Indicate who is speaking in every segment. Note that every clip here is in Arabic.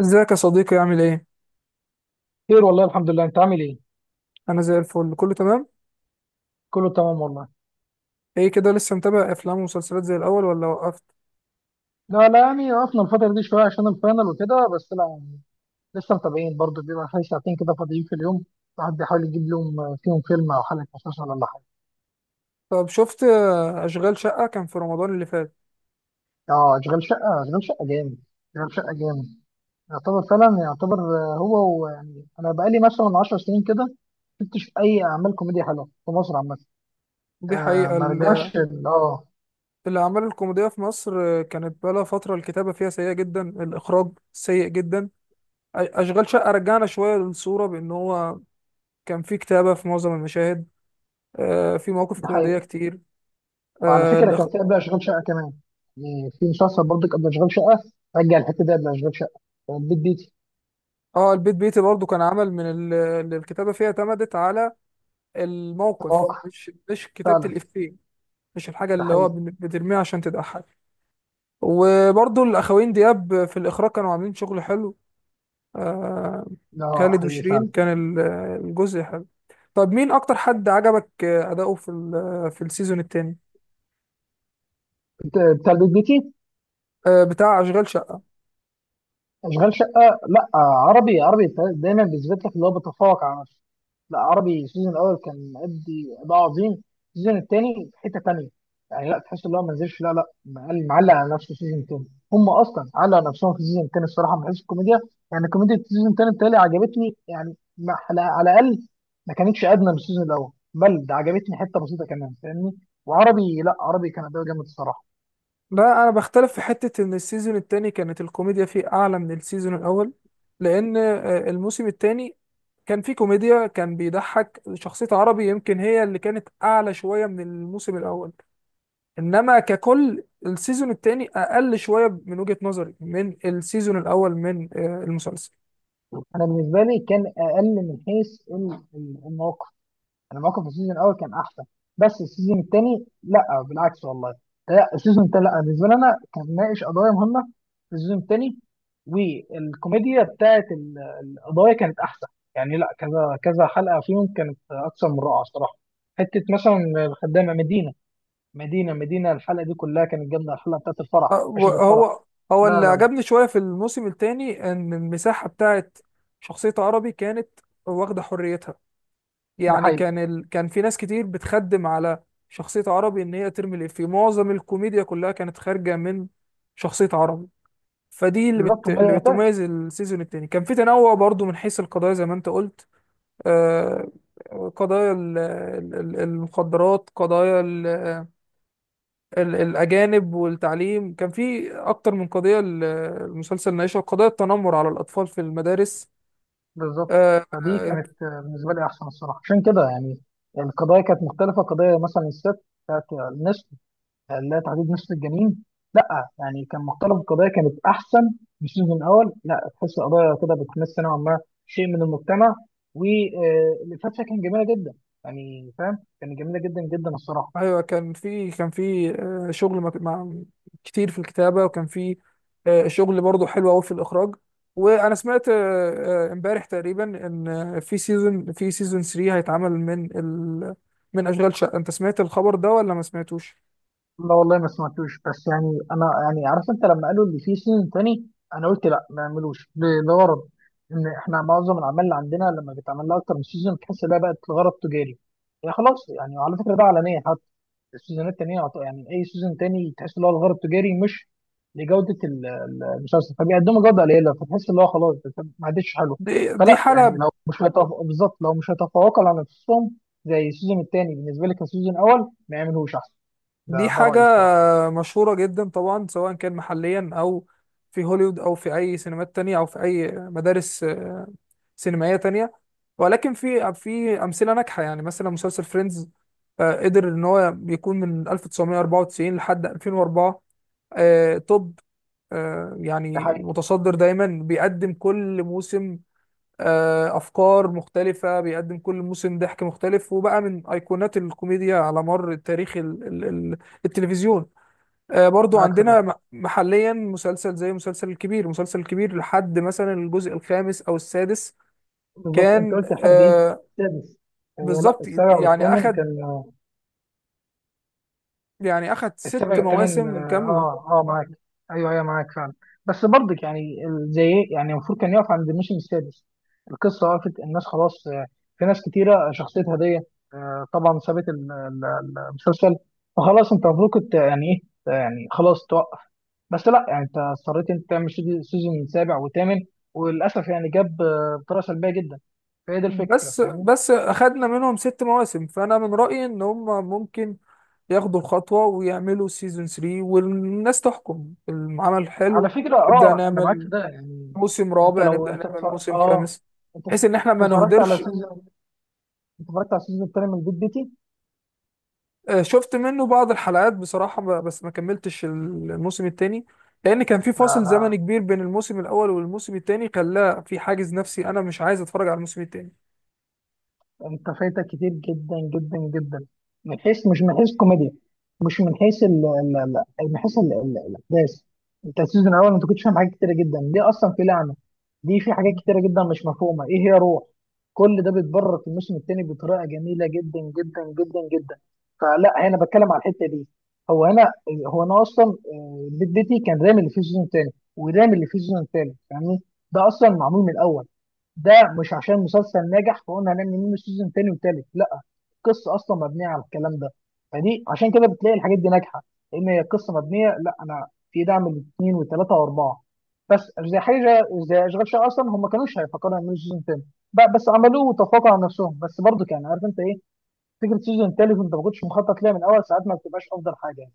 Speaker 1: ازيك يا صديقي؟ عامل ايه؟
Speaker 2: خير والله، الحمد لله. انت عامل ايه؟
Speaker 1: انا زي الفل، كله تمام؟
Speaker 2: كله تمام والله.
Speaker 1: ايه كده، لسه متابع افلام ومسلسلات زي الاول ولا وقفت؟
Speaker 2: لا لا، يعني وقفنا الفترة دي شوية عشان الفاينل وكده، بس لا، لسه متابعين برضه. بيبقى حوالي ساعتين كده فاضيين في اليوم. الواحد بيحاول يجيب لهم فيهم فيلم او حلقة مسلسل ولا حاجة.
Speaker 1: طب شفت اشغال شقة؟ كان في رمضان اللي فات.
Speaker 2: اه، اشغال شقة، اشغال شقة جامد. اشغال شقة جامد. يعتبر فعلا، يعتبر، هو يعني انا بقالي مثلا 10 سنين كده، ما شفتش اي اعمال كوميديا حلوه في مصر عامة.
Speaker 1: دي
Speaker 2: آه،
Speaker 1: حقيقة
Speaker 2: ما
Speaker 1: ال-
Speaker 2: رجعش
Speaker 1: الاعمال الكوميدية في مصر كانت بقالها فترة الكتابة فيها سيئة جدا، الاخراج سيء جدا. اشغال شقة رجعنا شوية للصورة، بان هو كان في كتابة في معظم المشاهد، في مواقف كوميدية كتير.
Speaker 2: وعلى
Speaker 1: اه
Speaker 2: فكره،
Speaker 1: الإخ-
Speaker 2: كان في قبل اشغال شقه كمان. يعني في مسلسل برضه قبل اشغال شقه، رجع الحته دي قبل اشغال شقه، بتاع البيت بيتي.
Speaker 1: البيت بيتي برضو كان عمل من اللي الكتابة فيها اعتمدت على الموقف،
Speaker 2: واقع.
Speaker 1: مش كتابة
Speaker 2: فعلا.
Speaker 1: الإفيه، مش الحاجة
Speaker 2: ده
Speaker 1: اللي هو
Speaker 2: حقيقي.
Speaker 1: بترميها عشان تضحك. وبرضو الأخوين دياب في الإخراج كانوا عاملين شغل حلو، آه.
Speaker 2: ده
Speaker 1: خالد
Speaker 2: حقيقي فعلا.
Speaker 1: وشيرين كان ال- الجزء حلو. طب مين أكتر حد عجبك أداؤه في في السيزون التاني؟
Speaker 2: بتاع البيت بيتي.
Speaker 1: آه بتاع أشغال شقة.
Speaker 2: اشغال شقه، لا، عربي، عربي دايما بيثبت لك اللي هو بيتفوق على نفسه. لا، عربي السيزون الاول كان مأدي اداء عظيم. السيزون الثاني في حته ثانيه. يعني لا تحس ان هو ما نزلش. لا لا، معلق على نفسه السيزون الثاني. هم اصلا علقوا على نفسهم في السيزون الثاني الصراحه، من حيث الكوميديا. يعني كوميديا السيزون الثاني بتهيألي عجبتني، يعني ما على الاقل ما كانتش ادنى من السيزون الاول، بل ده عجبتني حته بسيطه كمان، فاهمني. وعربي، لا، عربي كان اداء جامد الصراحه.
Speaker 1: لا أنا بختلف في حتة إن السيزون التاني كانت الكوميديا فيه أعلى من السيزون الأول، لأن الموسم التاني كان فيه كوميديا، كان بيضحك. شخصية عربي يمكن هي اللي كانت أعلى شوية من الموسم الأول، انما ككل السيزون الثاني اقل شويه من وجهه نظري من السيزون الاول، من المسلسل.
Speaker 2: انا بالنسبه لي كان اقل من حيث المواقف. انا موقف السيزون الاول كان احسن. بس السيزون الثاني لا بالعكس والله. لا، السيزون الثاني، لا، بالنسبه لي انا كان ناقش قضايا مهمه في السيزون الثاني. والكوميديا بتاعت القضايا كانت احسن. يعني لا، كذا كذا حلقه فيهم كانت اكثر من رائعه الصراحه. حته مثلا الخدامه مدينه. مدينه مدينه الحلقه دي كلها كانت جامده. الحلقه بتاعت
Speaker 1: آه،
Speaker 2: الفرح عشان الفرح.
Speaker 1: هو هو
Speaker 2: لا
Speaker 1: اللي
Speaker 2: لا لا.
Speaker 1: عجبني شويه في الموسم الثاني ان المساحه بتاعت شخصيه عربي كانت واخده حريتها.
Speaker 2: ده
Speaker 1: يعني
Speaker 2: حقيقي.
Speaker 1: كان ال... كان في ناس كتير بتخدم على شخصيه عربي، ان هي ترمي الإفيه. معظم الكوميديا كلها كانت خارجه من شخصيه عربي. فدي اللي
Speaker 2: بالظبط.
Speaker 1: بت... اللي بتميز السيزون الثاني، كان في تنوع برضو من حيث القضايا زي ما انت قلت. آه، قضايا المخدرات، قضايا ال- الأجانب والتعليم، كان في أكتر من قضية المسلسل ناقشها، قضايا التنمر على الأطفال في المدارس.
Speaker 2: بالظبط.
Speaker 1: آه،
Speaker 2: فدي
Speaker 1: آه،
Speaker 2: كانت، بالنسبه لي احسن الصراحه، عشان كده يعني القضايا كانت مختلفه. قضيه مثلا الست بتاعت النسل، اللي هي تحديد نسل الجنين. لا، يعني كان مختلف، القضايا كانت احسن. في السيزون الاول لا تحس القضايا كده بتمس نوعا ما شيء من المجتمع. والفتره كانت جميله جدا، يعني فاهم، كانت جميله جدا جدا الصراحه.
Speaker 1: أيوة كان في شغل مع كتير في الكتابة، وكان في شغل برضه حلو أوي في الإخراج. وأنا سمعت امبارح تقريبا إن في سيزون 3 هيتعمل من من أشغال شقة. أنت سمعت الخبر ده ولا ما سمعتوش؟
Speaker 2: لا والله، ما سمعتوش. بس يعني انا يعني عارف، انت لما قالوا اللي فيه سيزون تاني، انا قلت لا، ما يعملوش لغرض ان احنا معظم الاعمال اللي عندنا لما بيتعمل لها اكتر من سيزون تحس ده بقت لغرض تجاري. يعني خلاص، يعني وعلى فكره ده علنيه. السيزونات التانية يعني أي سيزون تاني تحس إن هو الغرض التجاري، مش لجودة المسلسل. فبيقدموا جودة قليلة، فتحس إن هو خلاص بس ما عادش حلو.
Speaker 1: دي
Speaker 2: فلا، يعني
Speaker 1: حالة،
Speaker 2: لو مش بالظبط، لو مش هيتفوقوا على نفسهم زي السيزون التاني بالنسبة لي كان السيزون الأول، ما يعملوش أحسن. ده
Speaker 1: دي
Speaker 2: ده
Speaker 1: حاجة
Speaker 2: رأيي الصراحة.
Speaker 1: مشهورة جدا طبعا، سواء كان محليا أو في هوليوود أو في أي سينمات تانية أو في أي مدارس سينمائية تانية. ولكن في أمثلة ناجحة، يعني مثلا مسلسل فريندز قدر إن هو بيكون من 1994 لحد 2004، توب،
Speaker 2: ده
Speaker 1: يعني
Speaker 2: حقيقي.
Speaker 1: متصدر دايما، بيقدم كل موسم افكار مختلفه، بيقدم كل موسم ضحك مختلف، وبقى من ايقونات الكوميديا على مر تاريخ ال ال ال التلفزيون. برضو
Speaker 2: معاك في
Speaker 1: عندنا
Speaker 2: ده.
Speaker 1: محليا مسلسل زي مسلسل الكبير. مسلسل الكبير لحد مثلا الجزء الخامس او السادس
Speaker 2: بالظبط، أنت
Speaker 1: كان
Speaker 2: قلت لحد إيه؟ السادس. آه، لا،
Speaker 1: بالظبط.
Speaker 2: السابع
Speaker 1: يعني
Speaker 2: والثامن
Speaker 1: اخد
Speaker 2: كان.
Speaker 1: يعني اخد ست
Speaker 2: السابع والثامن. اه.
Speaker 1: مواسم كامله.
Speaker 2: اه، معاك. ايوه ايوه، معاك فعلا. بس برضك يعني زي ايه، يعني المفروض كان يقف عند الموسم السادس. القصه وقفت الناس خلاص. في ناس كتيره شخصيتها ديت، طبعا سابت المسلسل. فخلاص انت المفروض كنت يعني ايه، يعني خلاص توقف. بس لا، يعني انت اضطريت انت تعمل سيزون سابع وثامن. وللاسف يعني جاب، بطريقه سلبيه جدا. فهي دي الفكره،
Speaker 1: بس
Speaker 2: فاهمني.
Speaker 1: بس اخدنا منهم ست مواسم، فانا من رأيي ان هم ممكن ياخدوا الخطوة ويعملوا سيزون 3، والناس تحكم العمل
Speaker 2: على
Speaker 1: حلو،
Speaker 2: فكرة،
Speaker 1: نبدأ
Speaker 2: اه، انا معاك
Speaker 1: نعمل
Speaker 2: في ده يعني.
Speaker 1: موسم
Speaker 2: انت
Speaker 1: رابع،
Speaker 2: لو
Speaker 1: نبدأ
Speaker 2: انت
Speaker 1: نعمل
Speaker 2: اتف-
Speaker 1: موسم
Speaker 2: اه
Speaker 1: خامس،
Speaker 2: انت
Speaker 1: بحيث ان احنا ما
Speaker 2: اتفرجت على
Speaker 1: نهدرش.
Speaker 2: سيزون اتفرجت على السيزون التاني من جد بيتي.
Speaker 1: شفت منه بعض الحلقات بصراحة، بس ما كملتش الموسم التاني، لان كان في
Speaker 2: لا
Speaker 1: فاصل زمني
Speaker 2: لا،
Speaker 1: كبير بين الموسم الاول والموسم التاني، خلاه في حاجز نفسي، انا مش عايز اتفرج على الموسم التاني.
Speaker 2: انت فايتك كتير جدا جدا جدا. من حيث، مش من حيث كوميديا، مش من حيث ال ال ال من حيث الاحداث. انت السيزون الاول انت كنت فاهم حاجات كتيره جدا، ليه اصلا في لعنه، دي في حاجات كتيره جدا مش مفهومه، ايه هي روح. كل ده بيتبرر في الموسم الثاني بطريقه جميله جدا جدا جدا جدا. فلا، انا بتكلم على الحته دي. هو انا هو انا اصلا آه، البيت بيتي كان رامي اللي فيه السيزون الثاني ورامي اللي فيه السيزون الثالث، فاهمني. ده اصلا معمول من الاول، ده مش عشان مسلسل ناجح فقلنا هنعمل منه سيزون تاني وتالت، لا. القصه اصلا مبنيه على الكلام ده. فدي عشان كده بتلاقي الحاجات دي ناجحه، لان هي القصه مبنيه. لا، انا في دعم الاثنين وثلاثه واربعه، بس زي حاجه زي اشغال شقه اصلا هم ما كانوش هيفكروا يعملوا سيزون تاني. بس عملوه وتفوقوا على نفسهم، بس برضه كان عارف انت ايه، فكره سيزون تالت وانت ما كنتش مخطط ليها من الاول ساعات ما بتبقاش افضل حاجه يعني.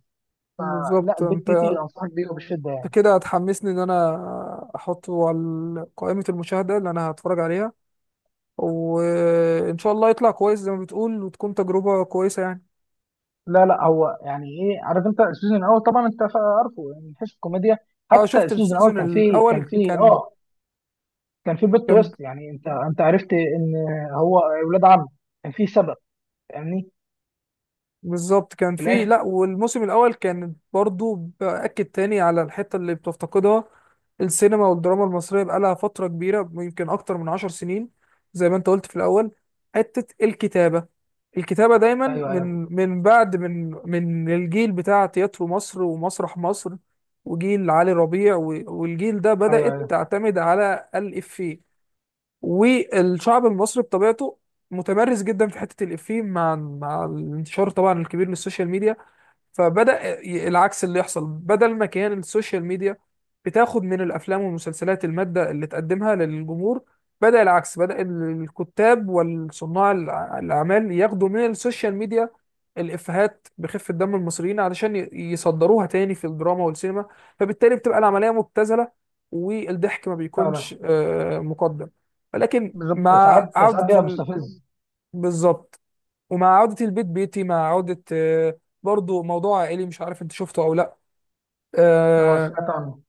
Speaker 2: فلا،
Speaker 1: بالظبط.
Speaker 2: البيت بيتي انصحك بيه وبشده يعني.
Speaker 1: انت كده هتحمسني ان انا احطه على قائمة المشاهدة اللي انا هتفرج عليها، وان شاء الله يطلع كويس زي ما بتقول، وتكون تجربة كويسة يعني.
Speaker 2: لا لا، هو يعني ايه، عارف انت السيزون الاول طبعا، انت عارفه يعني من حيث الكوميديا.
Speaker 1: اه
Speaker 2: حتى
Speaker 1: شفت
Speaker 2: السيزون الاول
Speaker 1: السيزون
Speaker 2: كان فيه كان
Speaker 1: الاول.
Speaker 2: فيه
Speaker 1: كان
Speaker 2: اه كان فيه بلوت
Speaker 1: كان
Speaker 2: تويست، يعني انت عرفت ان هو ولاد عم، كان فيه سبب، فاهمني،
Speaker 1: بالظبط. كان
Speaker 2: في
Speaker 1: في، لا،
Speaker 2: الاخر.
Speaker 1: والموسم الاول كان برضو باكد تاني على الحته اللي بتفتقدها السينما والدراما المصريه، بقالها فتره كبيره يمكن اكتر من عشر سنين، زي ما انت قلت في الاول. حته الكتابه، الكتابه دايما
Speaker 2: ايوه ايوه
Speaker 1: من بعد من الجيل بتاع تياترو مصر ومسرح مصر وجيل علي ربيع والجيل ده
Speaker 2: ايوه
Speaker 1: بدات
Speaker 2: ايوه،
Speaker 1: تعتمد على الافيه. والشعب المصري بطبيعته متمرس جدا في حته الافيه، مع الانتشار طبعا الكبير للسوشيال ميديا. فبدأ العكس اللي يحصل، بدل ما كان السوشيال ميديا بتاخد من الأفلام والمسلسلات المادة اللي تقدمها للجمهور، بدأ العكس، بدأ الكتاب والصناع الأعمال ياخدوا من السوشيال ميديا الإفيهات بخفة دم المصريين، علشان يصدروها تاني في الدراما والسينما. فبالتالي بتبقى العملية مبتذلة، والضحك ما
Speaker 2: فعلا.
Speaker 1: بيكونش مقدم. ولكن
Speaker 2: بالظبط،
Speaker 1: مع
Speaker 2: ساعات ساعات
Speaker 1: عودة
Speaker 2: بيبقى
Speaker 1: ال...
Speaker 2: مستفز.
Speaker 1: بالظبط. ومع عودة البيت بيتي، مع عودة برضو موضوع عائلي، مش عارف انت شفته او لا،
Speaker 2: اه،
Speaker 1: آه،
Speaker 2: سمعت عنه.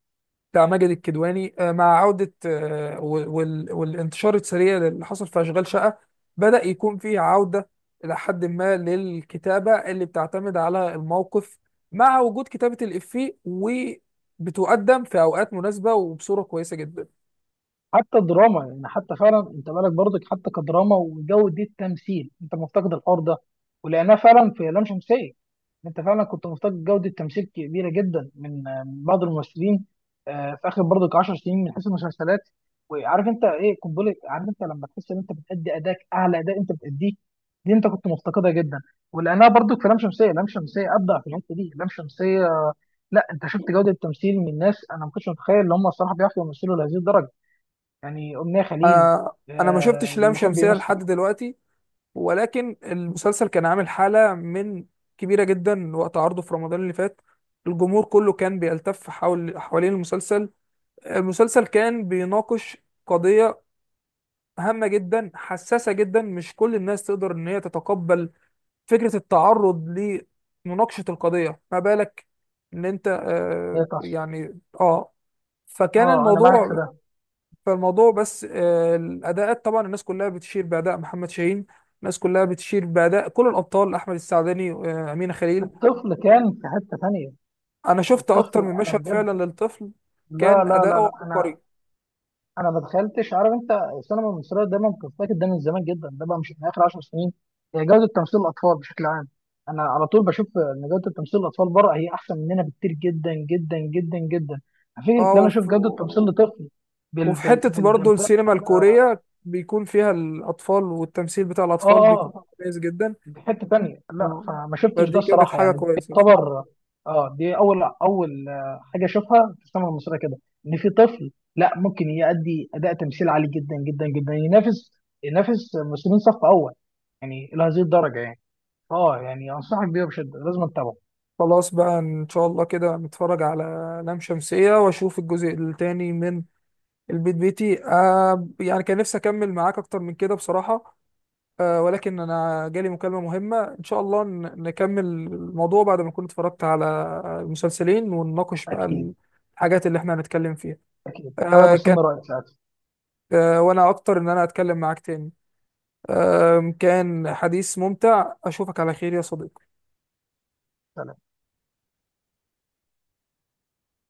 Speaker 1: بتاع ماجد الكدواني، مع عودة والانتشار السريع اللي حصل في أشغال شقة، بدأ يكون فيه عودة إلى حد ما للكتابة اللي بتعتمد على الموقف، مع وجود كتابة الإفيه، وبتقدم في أوقات مناسبة وبصورة كويسة جدا.
Speaker 2: حتى الدراما يعني، حتى فعلا انت بالك برضك حتى كدراما وجودة تمثيل، انت مفتقد الحوار ده. ولقيناه فعلا في لام شمسية يعني. انت فعلا كنت مفتقد جودة تمثيل كبيرة جدا من بعض الممثلين، في اخر برضك 10 سنين من حيث المسلسلات. وعارف انت ايه قنبلة، عارف انت لما تحس ان انت بتأدي اداك اعلى اداء انت بتأديه، دي انت كنت مفتقدها جدا. ولقيناها برضك في لام شمسية. لام شمسية ابدع في الحتة دي، لام شمسية. لا، انت شفت جودة تمثيل من ناس انا ما كنتش متخيل ان هم الصراحة بيعرفوا يمثلوا لهذه الدرجة. يعني أمنية خليل،
Speaker 1: أنا ما شفتش لام
Speaker 2: اللي كان
Speaker 1: شمسية
Speaker 2: بيمثل.
Speaker 1: لحد دلوقتي، ولكن المسلسل كان عامل حالة من كبيرة جدا وقت عرضه في رمضان اللي فات. الجمهور كله كان بيلتف حول حوالين المسلسل. المسلسل كان بيناقش قضية هامة جدا، حساسة جدا، مش كل الناس تقدر ان هي تتقبل فكرة التعرض لمناقشة القضية. ما بالك ان انت
Speaker 2: هي تصفي.
Speaker 1: فكان
Speaker 2: اه، انا معاك في
Speaker 1: الموضوع،
Speaker 2: ده.
Speaker 1: فالموضوع بس. الاداءات طبعا، الناس كلها بتشير باداء محمد شاهين، الناس كلها بتشير باداء كل الابطال، احمد السعداني، امينه خليل.
Speaker 2: الطفل كان في حتة تانية.
Speaker 1: انا شفت
Speaker 2: الطفل
Speaker 1: اكتر من
Speaker 2: انا
Speaker 1: مشهد
Speaker 2: بجد،
Speaker 1: فعلا للطفل،
Speaker 2: لا
Speaker 1: كان
Speaker 2: لا لا
Speaker 1: اداؤه
Speaker 2: لا، انا
Speaker 1: عبقري.
Speaker 2: انا ما دخلتش عارف انت. السينما المصرية دايما بتفتكر، ده من زمان جدا، ده بقى مش من اخر 10 سنين، هي جودة تمثيل الاطفال بشكل عام. انا على طول بشوف ان جودة تمثيل الاطفال بره هي احسن مننا بكتير جدا جدا جدا جدا. فكرة
Speaker 1: اه
Speaker 2: ان انا اشوف
Speaker 1: وف-
Speaker 2: جودة تمثيل لطفل بال
Speaker 1: وفي
Speaker 2: بال
Speaker 1: حته برضه
Speaker 2: بالجمدان
Speaker 1: السينما الكوريه بيكون فيها الاطفال، والتمثيل بتاع
Speaker 2: اه
Speaker 1: الاطفال بيكون
Speaker 2: اه،
Speaker 1: كويس جدا.
Speaker 2: دي حته تانية، لا
Speaker 1: اه،
Speaker 2: فما شفتش ده
Speaker 1: فدي كانت
Speaker 2: الصراحه
Speaker 1: حاجه
Speaker 2: يعني دي
Speaker 1: كويسه بصراحه.
Speaker 2: يعتبر. اه، دي اول اول، حاجه اشوفها في السينما المصريه كده، ان في طفل لا، ممكن يأدي اداء تمثيل عالي جدا جدا جدا، ينافس ممثلين صف اول، يعني الى هذه الدرجه يعني. اه، يعني انصحك بيه بشده لازم تتابعه.
Speaker 1: خلاص بقى ان شاء الله كده نتفرج على لام شمسيه واشوف الجزء الثاني من البيت بيتي. آه يعني كان نفسي اكمل معاك اكتر من كده بصراحة، آه ولكن انا جالي مكالمة مهمة. ان شاء الله نكمل الموضوع بعد ما كنت اتفرجت على المسلسلين، ونناقش
Speaker 2: اكيد.
Speaker 1: بقى الحاجات اللي احنا هنتكلم فيها.
Speaker 2: اكيد هبقى
Speaker 1: آه كان،
Speaker 2: مستني رايك ساعتها.
Speaker 1: وانا اكتر ان انا اتكلم معاك تاني. آه كان حديث ممتع. اشوفك على خير يا صديقي.